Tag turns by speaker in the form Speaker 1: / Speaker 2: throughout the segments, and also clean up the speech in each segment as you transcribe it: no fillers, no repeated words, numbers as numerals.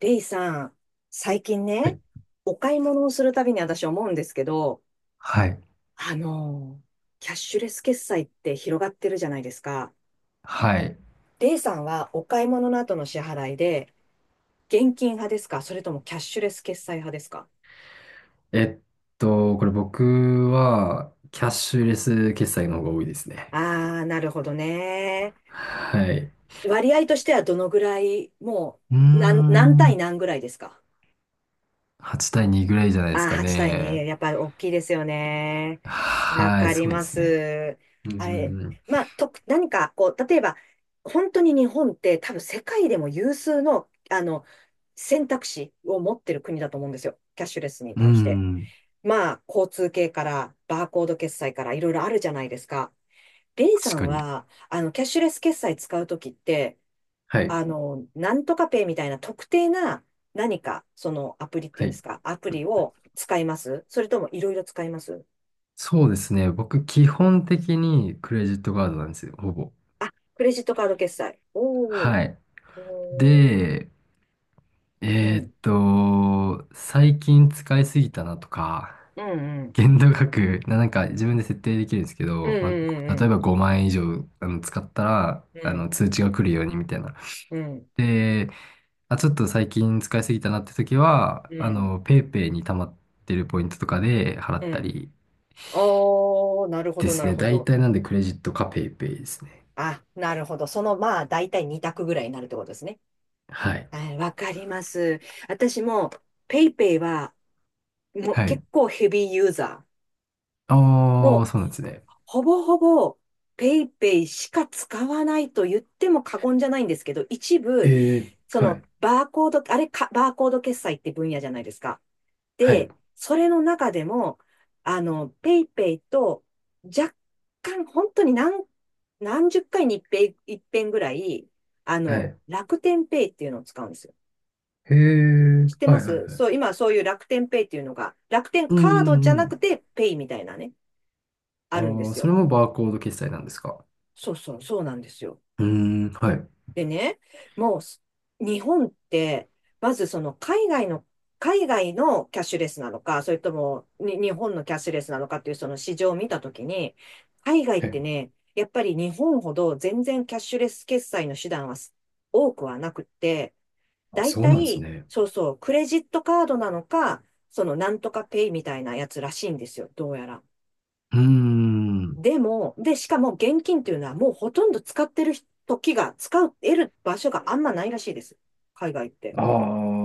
Speaker 1: レイさん、最近
Speaker 2: は
Speaker 1: ね、
Speaker 2: い
Speaker 1: お買い物をするたびに私思うんですけど、
Speaker 2: はい。
Speaker 1: あのー、キャッシュレス決済って広がってるじゃないですか。
Speaker 2: はい。
Speaker 1: レイさんはお買い物の後の支払いで、現金派ですか、それともキャッシュレス決済派ですか？
Speaker 2: えっこれ僕は、キャッシュレス決済の方が多いですね。
Speaker 1: あー、なるほどね。
Speaker 2: はい。
Speaker 1: 割合としてはどのぐらい、も
Speaker 2: うー
Speaker 1: う、何対
Speaker 2: ん。
Speaker 1: 何ぐらいですか？
Speaker 2: 8対2ぐらいじゃないで
Speaker 1: あ
Speaker 2: す
Speaker 1: あ、
Speaker 2: か
Speaker 1: 8対2、
Speaker 2: ね。
Speaker 1: やっぱり大きいですよね。わ
Speaker 2: はい、
Speaker 1: かり
Speaker 2: そうで
Speaker 1: ま
Speaker 2: すね。
Speaker 1: す。
Speaker 2: うん、う
Speaker 1: あれ、
Speaker 2: ん
Speaker 1: まあ、何か、こう、例えば、本当に日本って多分世界でも有数の、選択肢を持ってる国だと思うんですよ。キャッシュレスに
Speaker 2: うん、
Speaker 1: 対して。
Speaker 2: うん、
Speaker 1: まあ、交通系から、バーコード決済から、いろいろあるじゃないですか。レイさ
Speaker 2: 確
Speaker 1: ん
Speaker 2: かに。
Speaker 1: は、キャッシュレス決済使うときって、
Speaker 2: はい、
Speaker 1: なんとかペイみたいな特定な何か、そのアプリって
Speaker 2: は
Speaker 1: いうんで
Speaker 2: い。
Speaker 1: すか、アプリを使います、それともいろいろ使います？
Speaker 2: そうですね。僕、基本的にクレジットカードなんですよ、ほぼ。
Speaker 1: あ、クレジットカード決済。おー
Speaker 2: はい。
Speaker 1: おー、
Speaker 2: で、
Speaker 1: うん、
Speaker 2: 最近使いすぎたなとか、
Speaker 1: うん、うん、
Speaker 2: 限度額、なんか自分で設定できるんですけ
Speaker 1: う
Speaker 2: ど、まあ、
Speaker 1: ん、う
Speaker 2: 例え
Speaker 1: ん、
Speaker 2: ば5万円以上使ったら、
Speaker 1: うん、
Speaker 2: 通知が来るようにみたいな。
Speaker 1: うん、うん、
Speaker 2: で、あ、ちょっと最近使いすぎたなって時は、
Speaker 1: うん、
Speaker 2: ペイペイに溜まってるポイントとかで払
Speaker 1: う
Speaker 2: った
Speaker 1: ん。
Speaker 2: り
Speaker 1: おー、なるほ
Speaker 2: で
Speaker 1: ど、
Speaker 2: す
Speaker 1: なる
Speaker 2: ね。
Speaker 1: ほ
Speaker 2: 大
Speaker 1: ど。
Speaker 2: 体なんでクレジットかペイペイですね。
Speaker 1: あ、なるほど。その、まあ、だいたい2択ぐらいになるってことですね。
Speaker 2: はい。
Speaker 1: はい、わかります。私も、ペイペイは、もう
Speaker 2: はい。
Speaker 1: 結構ヘビーユーザー。
Speaker 2: ああ、
Speaker 1: も
Speaker 2: そうなんです
Speaker 1: う、
Speaker 2: ね。
Speaker 1: ほぼほぼ、ペイペイしか使わないと言っても過言じゃないんですけど、一
Speaker 2: え
Speaker 1: 部、
Speaker 2: え、
Speaker 1: そ
Speaker 2: は
Speaker 1: の、
Speaker 2: い。
Speaker 1: バーコード決済って分野じゃないですか。
Speaker 2: はい。
Speaker 1: で、それの中でも、ペイペイと、若干、本当に何十回に一遍ぐらい、
Speaker 2: はい。
Speaker 1: 楽天ペイっていうのを使うんですよ。
Speaker 2: へえ、
Speaker 1: 知って
Speaker 2: は
Speaker 1: ま
Speaker 2: いはい
Speaker 1: す
Speaker 2: はい。
Speaker 1: そう、今そういう楽天ペイっていうのが、楽天
Speaker 2: う
Speaker 1: カードじゃ
Speaker 2: んう
Speaker 1: なく
Speaker 2: ん
Speaker 1: て、ペイみたいなね、
Speaker 2: う
Speaker 1: あるんで
Speaker 2: ん。ああ、
Speaker 1: す
Speaker 2: それ
Speaker 1: よ。
Speaker 2: もバーコード決済なんですか。
Speaker 1: そうそう、そうなんですよ。
Speaker 2: うん、はい。
Speaker 1: でね、もうす日本って、まずその、海外のキャッシュレスなのか、それともに日本のキャッシュレスなのかっていうその市場を見たときに、海外ってね、やっぱり日本ほど全然キャッシュレス決済の手段は多くはなくって、
Speaker 2: あ、
Speaker 1: だい
Speaker 2: そう
Speaker 1: た
Speaker 2: なんです
Speaker 1: い、
Speaker 2: ね。
Speaker 1: そうそう、クレジットカードなのか、そのなんとかペイみたいなやつらしいんですよ、どうやら。
Speaker 2: うーん。
Speaker 1: でも、しかも現金っていうのはもうほとんど使ってる時が、使う、得る場所があんまないらしいです。海外って。
Speaker 2: あ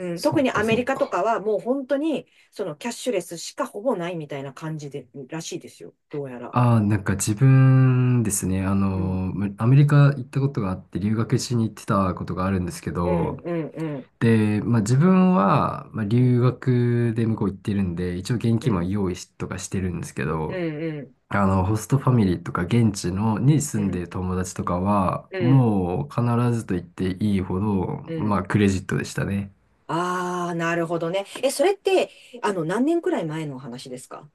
Speaker 2: あ、
Speaker 1: ん、
Speaker 2: そ
Speaker 1: 特に
Speaker 2: っか
Speaker 1: アメ
Speaker 2: そ
Speaker 1: リ
Speaker 2: っ
Speaker 1: カと
Speaker 2: か。
Speaker 1: かはもう本当にそのキャッシュレスしかほぼないみたいな感じで、らしいですよ。どうやら。
Speaker 2: ああ、なんか自分ですね、
Speaker 1: うん、
Speaker 2: アメリカ行ったことがあって、留学しに行ってたことがあるんですけ
Speaker 1: う
Speaker 2: ど、
Speaker 1: ん、うん、うん、
Speaker 2: で、まあ自分は、まあ、
Speaker 1: うん、
Speaker 2: 留学で向こう行ってるんで、一応現
Speaker 1: う
Speaker 2: 金も
Speaker 1: ん、
Speaker 2: 用意しとかしてるんですけ
Speaker 1: う
Speaker 2: ど、
Speaker 1: ん、
Speaker 2: ホストファミリーとか現地のに
Speaker 1: う
Speaker 2: 住んで
Speaker 1: ん、
Speaker 2: る友達とかは、
Speaker 1: うん、
Speaker 2: もう必ずと言っていいほど、
Speaker 1: う
Speaker 2: ま
Speaker 1: ん。
Speaker 2: あクレジットでしたね。
Speaker 1: ああー、なるほどね。え、それって、何年くらい前の話ですか？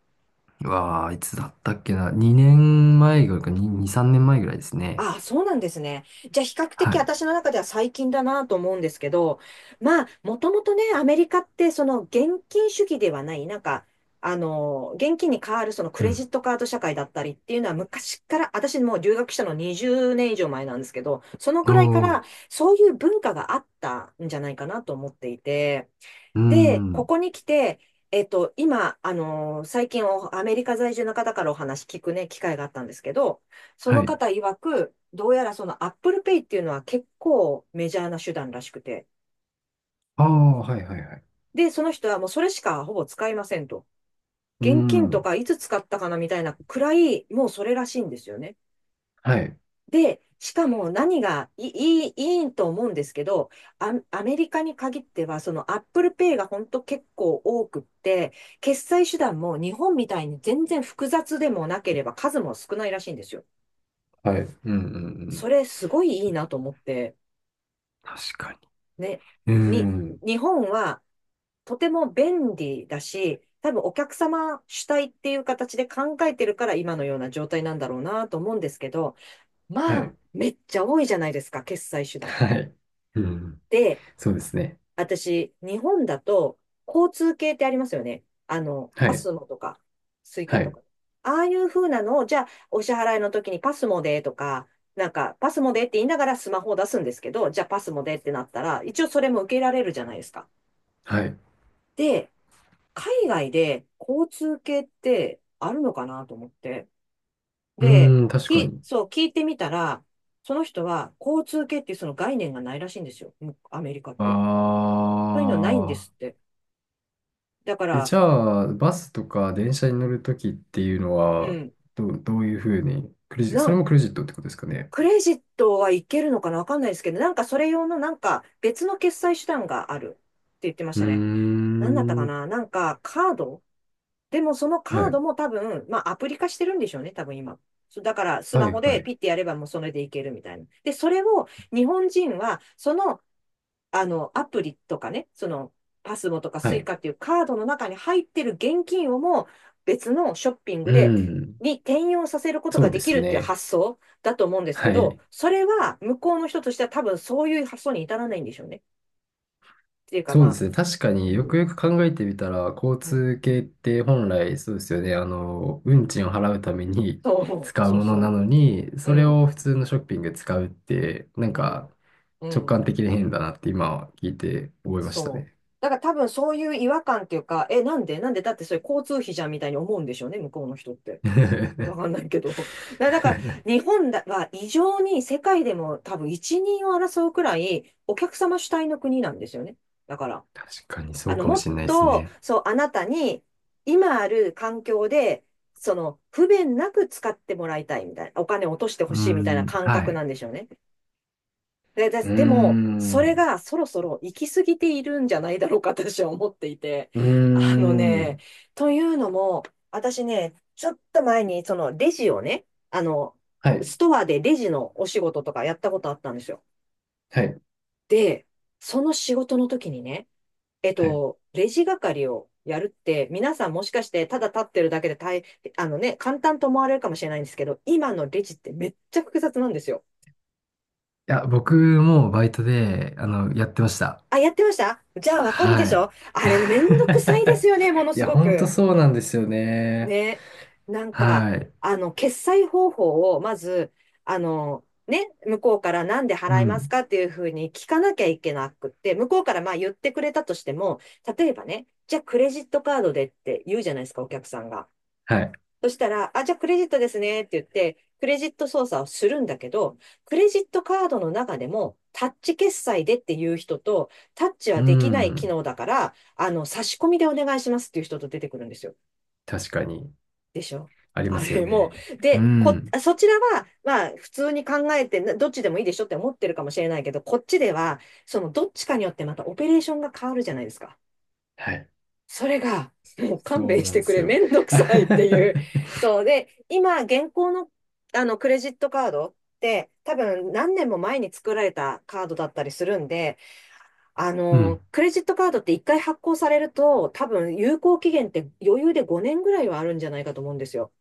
Speaker 2: うわあ、いつだったっけな。2年前ぐらいか、2、2、3年前ぐらいですね。
Speaker 1: ああ、そうなんですね。じゃあ、比較
Speaker 2: は
Speaker 1: 的
Speaker 2: い。
Speaker 1: 私の中では最近だなと思うんですけど、まあ、もともとね、アメリカって、その現金主義ではない、なんか、現金に代わるそのク
Speaker 2: う
Speaker 1: レ
Speaker 2: ん。
Speaker 1: ジットカード社会だったりっていうのは昔から、私もう留学したの20年以上前なんですけど、そのぐ
Speaker 2: お
Speaker 1: らいか
Speaker 2: ー、
Speaker 1: らそういう文化があったんじゃないかなと思っていて、
Speaker 2: うー
Speaker 1: で、こ
Speaker 2: ん。
Speaker 1: こに来て、今、最近アメリカ在住の方からお話聞くね、機会があったんですけど、そ
Speaker 2: は
Speaker 1: の
Speaker 2: い。
Speaker 1: 方曰く、どうやらその Apple Pay っていうのは結構メジャーな手段らしくて、
Speaker 2: ああ、はいはいはい。
Speaker 1: で、その人はもうそれしかほぼ使いませんと。
Speaker 2: うー
Speaker 1: 現金と
Speaker 2: ん。
Speaker 1: かいつ使ったかなみたいなくらい、もうそれらしいんですよね。
Speaker 2: はい。
Speaker 1: で、しかも何がいい、いいと思うんですけど、アメリカに限っては、その Apple Pay が本当結構多くって、決済手段も日本みたいに全然複雑でもなければ数も少ないらしいんですよ。
Speaker 2: はい。うんうんう
Speaker 1: そ
Speaker 2: ん。
Speaker 1: れすごいいいなと思って、
Speaker 2: 確か
Speaker 1: ね、
Speaker 2: に。うー
Speaker 1: に、
Speaker 2: ん。
Speaker 1: 日本はとても便利だし、多分お客様主体っていう形で考えてるから今のような状態なんだろうなと思うんですけど、
Speaker 2: は
Speaker 1: まあ、
Speaker 2: い。
Speaker 1: めっちゃ多いじゃないですか、決済手段。
Speaker 2: はい。うん。
Speaker 1: で
Speaker 2: そうですね。
Speaker 1: 私、日本だと、交通系ってありますよね。
Speaker 2: は
Speaker 1: パ
Speaker 2: い。
Speaker 1: スモとか、スイカ
Speaker 2: は
Speaker 1: と
Speaker 2: い。
Speaker 1: か。ああいう風なのを、じゃあ、お支払いの時にパスモでとか、なんか、パスモでって言いながらスマホを出すんですけど、じゃあパスモでってなったら、一応それも受けられるじゃないですか。
Speaker 2: はい。う
Speaker 1: で、海外で交通系ってあるのかなと思って。で、
Speaker 2: ーん、確かに。
Speaker 1: そう、聞いてみたら、その人は交通系っていうその概念がないらしいんですよ。もうアメリカっ
Speaker 2: あ
Speaker 1: て。そういうのないんですっ
Speaker 2: あ。
Speaker 1: て。だか
Speaker 2: え、
Speaker 1: ら、
Speaker 2: じゃあ、バスとか電車に乗るときっていうの
Speaker 1: う
Speaker 2: は、
Speaker 1: ん。
Speaker 2: どういうふうに、クレジ、
Speaker 1: な
Speaker 2: それ
Speaker 1: ん、
Speaker 2: もクレジットってことですかね。
Speaker 1: クレジットはいけるのかなわかんないですけど、なんかそれ用のなんか別の決済手段があるって言ってまし
Speaker 2: う
Speaker 1: たね。
Speaker 2: ー
Speaker 1: 何だったか
Speaker 2: ん。
Speaker 1: ななんかカードでもそのカ
Speaker 2: は
Speaker 1: ー
Speaker 2: い。
Speaker 1: ドも多分、まあアプリ化してるんでしょうね、多分今。そうだからス
Speaker 2: は
Speaker 1: マ
Speaker 2: い、
Speaker 1: ホ
Speaker 2: は
Speaker 1: で
Speaker 2: い。
Speaker 1: ピッてやればもうそれでいけるみたいな。で、それを日本人はアプリとかね、その、パスモとか
Speaker 2: は
Speaker 1: スイ
Speaker 2: い。
Speaker 1: カっていうカードの中に入ってる現金をも別のショッピン
Speaker 2: う
Speaker 1: グで、
Speaker 2: ん。
Speaker 1: に転用させること
Speaker 2: そ
Speaker 1: が
Speaker 2: うで
Speaker 1: できる
Speaker 2: す
Speaker 1: っていう
Speaker 2: ね。
Speaker 1: 発想だと思うんですけ
Speaker 2: は
Speaker 1: ど、
Speaker 2: い。
Speaker 1: それは向こうの人としては多分そういう発想に至らないんでしょうね。っていうか
Speaker 2: そう
Speaker 1: ま
Speaker 2: で
Speaker 1: あ、
Speaker 2: すね。確か
Speaker 1: う
Speaker 2: によく
Speaker 1: ん、
Speaker 2: よく考えてみたら、交
Speaker 1: うん、
Speaker 2: 通系って本来そうですよね。運賃を払うために
Speaker 1: そ う、
Speaker 2: 使う
Speaker 1: そう
Speaker 2: ものな
Speaker 1: そ
Speaker 2: のに、
Speaker 1: う、
Speaker 2: そ
Speaker 1: う
Speaker 2: れ
Speaker 1: ん、
Speaker 2: を普通のショッピングで使うって、なん
Speaker 1: うん、
Speaker 2: か
Speaker 1: う
Speaker 2: 直
Speaker 1: ん、
Speaker 2: 感的で変だなって今は聞いて覚えました
Speaker 1: そう。
Speaker 2: ね。
Speaker 1: だから多分そういう違和感っていうか、え、なんでなんでだってそれ交通費じゃんみたいに思うんでしょうね、向こうの人って。わかんないけど。だから、日本だは異常に世界でも多分一人を争うくらいお客様主体の国なんですよね。だから、
Speaker 2: 確かにそうかも
Speaker 1: もっ
Speaker 2: しれないです
Speaker 1: と、
Speaker 2: ね。
Speaker 1: そう、あなたに今ある環境で、その、不便なく使ってもらいたいみたいな、お金を落としてほ
Speaker 2: うー
Speaker 1: しいみたいな
Speaker 2: ん。
Speaker 1: 感
Speaker 2: は
Speaker 1: 覚
Speaker 2: い。
Speaker 1: なんでしょうね。で、で
Speaker 2: うー
Speaker 1: でも、それ
Speaker 2: ん。
Speaker 1: がそろそろ行き過ぎているんじゃないだろうか、私は思っていて。
Speaker 2: うー
Speaker 1: あのね、
Speaker 2: ん。
Speaker 1: というのも、私ね、ちょっと前に、そのレジをね、あの、
Speaker 2: はい。
Speaker 1: ストアでレジのお仕事とかやったことあったんですよ。
Speaker 2: はい。
Speaker 1: で、その仕事の時にね、
Speaker 2: はい。い
Speaker 1: レジ係をやるって、皆さんもしかしてただ立ってるだけであのね、簡単と思われるかもしれないんですけど、今のレジってめっちゃ複雑なんですよ。
Speaker 2: や、僕もバイトで、やってました。
Speaker 1: あ、やってましたじゃあわかるで
Speaker 2: は
Speaker 1: し
Speaker 2: い。
Speaker 1: ょあれね、めんどくさいです よね、もの
Speaker 2: い
Speaker 1: す
Speaker 2: や、
Speaker 1: ご
Speaker 2: ほんと
Speaker 1: く。
Speaker 2: そうなんですよね。
Speaker 1: ね。なんか、
Speaker 2: はい。
Speaker 1: 決済方法を、まず、ね、向こうからなんで
Speaker 2: う
Speaker 1: 払います
Speaker 2: ん。
Speaker 1: かっていうふうに聞かなきゃいけなくって、向こうからまあ言ってくれたとしても、例えばね、じゃあクレジットカードでって言うじゃないですか、お客さんが。
Speaker 2: はい。
Speaker 1: そしたら、あ、じゃあクレジットですねって言って、クレジット操作をするんだけど、クレジットカードの中でも、タッチ決済でっていう人と、タッチ
Speaker 2: う
Speaker 1: はできない機
Speaker 2: ん。
Speaker 1: 能だから、差し込みでお願いしますっていう人と出てくるんですよ。
Speaker 2: 確かに、
Speaker 1: でしょ？
Speaker 2: ありま
Speaker 1: あ
Speaker 2: すよ
Speaker 1: れも
Speaker 2: ね。
Speaker 1: う、
Speaker 2: う
Speaker 1: で、こ、
Speaker 2: ん。
Speaker 1: そちらは、まあ、普通に考えて、などっちでもいいでしょって思ってるかもしれないけど、こっちでは、その、どっちかによってまたオペレーションが変わるじゃないですか。
Speaker 2: はい。
Speaker 1: それが、もう勘
Speaker 2: そ
Speaker 1: 弁
Speaker 2: う
Speaker 1: し
Speaker 2: なんで
Speaker 1: てく
Speaker 2: す
Speaker 1: れ、
Speaker 2: よ。
Speaker 1: めんどくさいってい う。そうで、今、現行の、クレジットカードって、多分何年も前に作られたカードだったりするんで、
Speaker 2: うん。
Speaker 1: クレジットカードって一回発行されると、多分有効期限って余裕で5年ぐらいはあるんじゃないかと思うんですよ。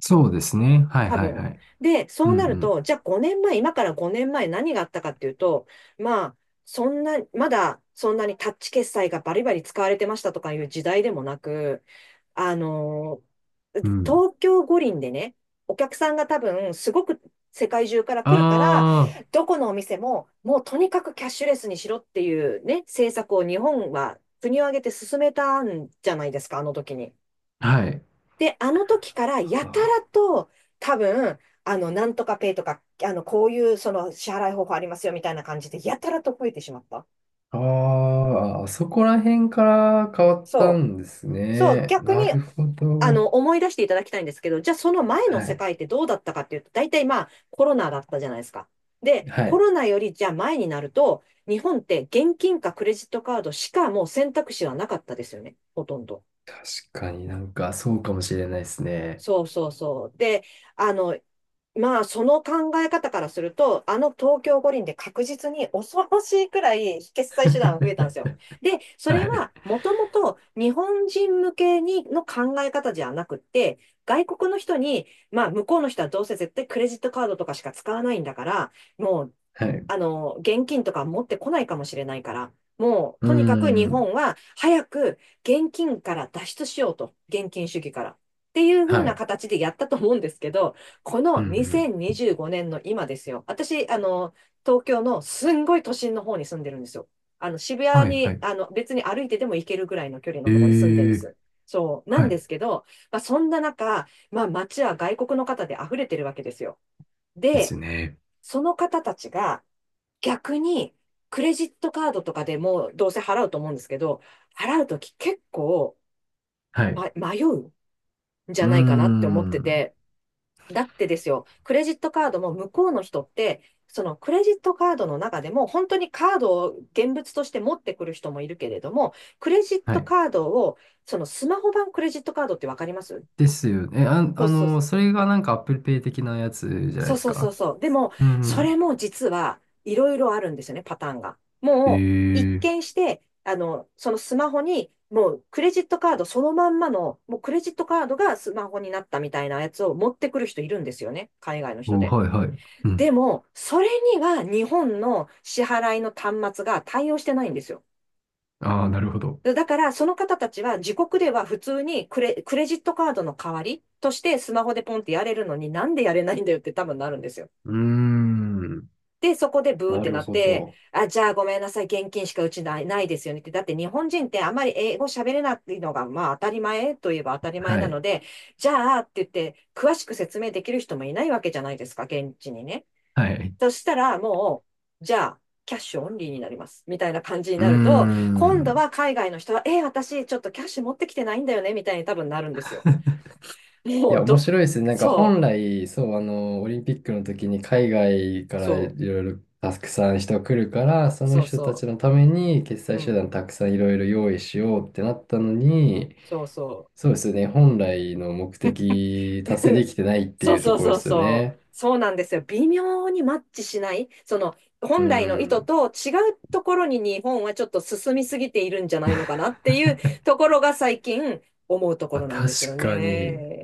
Speaker 2: そうですね。はい
Speaker 1: 多
Speaker 2: はい
Speaker 1: 分。
Speaker 2: はい。
Speaker 1: で、そ
Speaker 2: う
Speaker 1: うなる
Speaker 2: ん
Speaker 1: と、じゃあ5年前、今から5年前何があったかっていうと、まあ、そんな、まだそんなにタッチ決済がバリバリ使われてましたとかいう時代でもなく、あのー
Speaker 2: うん。うん。
Speaker 1: 東京五輪でね、お客さんが多分すごく世界中から来るから、
Speaker 2: あ
Speaker 1: どこのお店ももうとにかくキャッシュレスにしろっていうね、政策を日本は国を挙げて進めたんじゃないですか、あの時に。
Speaker 2: あ、はい。
Speaker 1: で、あの時からや
Speaker 2: は
Speaker 1: たら
Speaker 2: あ
Speaker 1: と多分、なんとかペイとか、こういうその支払い方法ありますよみたいな感じで、やたらと増えてしまった。
Speaker 2: ああ、あそこら辺から変わった
Speaker 1: そう。
Speaker 2: んです
Speaker 1: そう、
Speaker 2: ね。
Speaker 1: 逆
Speaker 2: な
Speaker 1: に、
Speaker 2: るほど。
Speaker 1: 思い出していただきたいんですけど、じゃあその前の
Speaker 2: は
Speaker 1: 世
Speaker 2: い。
Speaker 1: 界ってどうだったかっていうと、大体まあ、コロナだったじゃないですか。で、
Speaker 2: は
Speaker 1: コ
Speaker 2: い。
Speaker 1: ロナよりじゃあ前になると、日本って現金かクレジットカードしかもう選択肢はなかったですよね。ほとんど。
Speaker 2: 確かになんかそうかもしれないですね。
Speaker 1: そうそうそう。で、あの、まあ、その考え方からすると、あの東京五輪で確実に恐ろしいくらい決済手段が増えたんで すよ。で、そ
Speaker 2: は
Speaker 1: れ
Speaker 2: い。
Speaker 1: はもともと日本人向けにの考え方じゃなくって、外国の人に、まあ、向こうの人はどうせ絶対クレジットカードとかしか使わないんだから、もう
Speaker 2: はい。う
Speaker 1: 現金とか持ってこないかもしれないから、もう、
Speaker 2: ー
Speaker 1: とにかく日
Speaker 2: ん。
Speaker 1: 本は早く現金から脱出しようと。現金主義から。っていう風
Speaker 2: は
Speaker 1: な
Speaker 2: い。
Speaker 1: 形でやったと思うんですけど、こ
Speaker 2: う
Speaker 1: の
Speaker 2: んうん。
Speaker 1: 2025年の今ですよ。私、東京のすんごい都心の方に住んでるんですよ。あの、渋
Speaker 2: は
Speaker 1: 谷
Speaker 2: い、は
Speaker 1: に、
Speaker 2: い。
Speaker 1: あの、別に歩いてでも行けるぐらいの距離の
Speaker 2: え
Speaker 1: ところに住んでるんで
Speaker 2: ー。
Speaker 1: す。そう、な
Speaker 2: は
Speaker 1: んで
Speaker 2: い。
Speaker 1: すけど、まあ、そんな中、まあ、街は外国の方で溢れてるわけですよ。
Speaker 2: で
Speaker 1: で、
Speaker 2: すね。
Speaker 1: その方たちが、逆に、クレジットカードとかでもどうせ払うと思うんですけど、払うとき結構、
Speaker 2: はい。
Speaker 1: ま、迷うんじ
Speaker 2: う
Speaker 1: ゃ
Speaker 2: ー
Speaker 1: ないかなって思って
Speaker 2: ん。
Speaker 1: て、だってですよ、クレジットカードも向こうの人って、そのクレジットカードの中でも本当にカードを現物として持ってくる人もいるけれども、クレジッ
Speaker 2: は
Speaker 1: ト
Speaker 2: い。
Speaker 1: カードを、そのスマホ版クレジットカードってわかります？
Speaker 2: ですよね。あ、
Speaker 1: そうそう、
Speaker 2: それがなんか Apple Pay 的なやつじゃない
Speaker 1: そ
Speaker 2: で
Speaker 1: う
Speaker 2: す
Speaker 1: そうそう
Speaker 2: か。
Speaker 1: そう。でも、
Speaker 2: うんう
Speaker 1: それ
Speaker 2: ん。
Speaker 1: も実はいろいろあるんですよね、パターンが。
Speaker 2: え
Speaker 1: もう、一
Speaker 2: ー。
Speaker 1: 見して、そのスマホに、もうクレジットカードそのまんまの、もうクレジットカードがスマホになったみたいなやつを持ってくる人いるんですよね、海外の人
Speaker 2: お、
Speaker 1: で。
Speaker 2: はい、はい。うん。
Speaker 1: でも、それには日本の支払いの端末が対応してないんですよ。
Speaker 2: ああ、なるほど。
Speaker 1: だから、その方たちは自国では普通にクレジットカードの代わりとしてスマホでポンってやれるのになんでやれないんだよって多分なるんですよ。
Speaker 2: うーん。
Speaker 1: で、そこでブーっ
Speaker 2: な
Speaker 1: て
Speaker 2: る
Speaker 1: なっ
Speaker 2: ほ
Speaker 1: て、
Speaker 2: ど。
Speaker 1: あ、じゃあごめんなさい、現金しかうちないですよねって。だって日本人ってあまり英語喋れないのが、まあ当たり前といえば当たり前
Speaker 2: は
Speaker 1: なの
Speaker 2: い。
Speaker 1: で、じゃあって言って、詳しく説明できる人もいないわけじゃないですか、現地にね。
Speaker 2: はい。
Speaker 1: そしたらもう、じゃあ、キャッシュオンリーになります。みたいな感じに
Speaker 2: うー
Speaker 1: なると、今度
Speaker 2: ん。
Speaker 1: は海外の人は、えー、私ちょっとキャッシュ持ってきてないんだよね、みたいに多分なるんですよ。
Speaker 2: い
Speaker 1: も
Speaker 2: や、
Speaker 1: う
Speaker 2: 面
Speaker 1: ど、
Speaker 2: 白いですね。なんか本
Speaker 1: そう、
Speaker 2: 来、そう、オリンピックの時に海外からい
Speaker 1: そ
Speaker 2: ろいろたくさん人来るから、
Speaker 1: う、
Speaker 2: その
Speaker 1: そう
Speaker 2: 人たち
Speaker 1: そ
Speaker 2: のために決
Speaker 1: う、
Speaker 2: 済
Speaker 1: う
Speaker 2: 手
Speaker 1: ん、
Speaker 2: 段たくさんいろいろ用意しようってなったのに、
Speaker 1: そうそ
Speaker 2: そうですよね。本来の目的
Speaker 1: う。
Speaker 2: 達成で きてないって
Speaker 1: そ
Speaker 2: い
Speaker 1: う
Speaker 2: うと
Speaker 1: そう
Speaker 2: ころで
Speaker 1: そう
Speaker 2: すよ
Speaker 1: そう。
Speaker 2: ね。
Speaker 1: そうなんですよ。微妙にマッチしない。その、
Speaker 2: う
Speaker 1: 本来の意図
Speaker 2: ん。
Speaker 1: と違うところに日本はちょっと進みすぎているんじゃないのかなっていうところが最近思うとこ
Speaker 2: まあ、
Speaker 1: ろなんですよ
Speaker 2: 確か
Speaker 1: ね。
Speaker 2: に。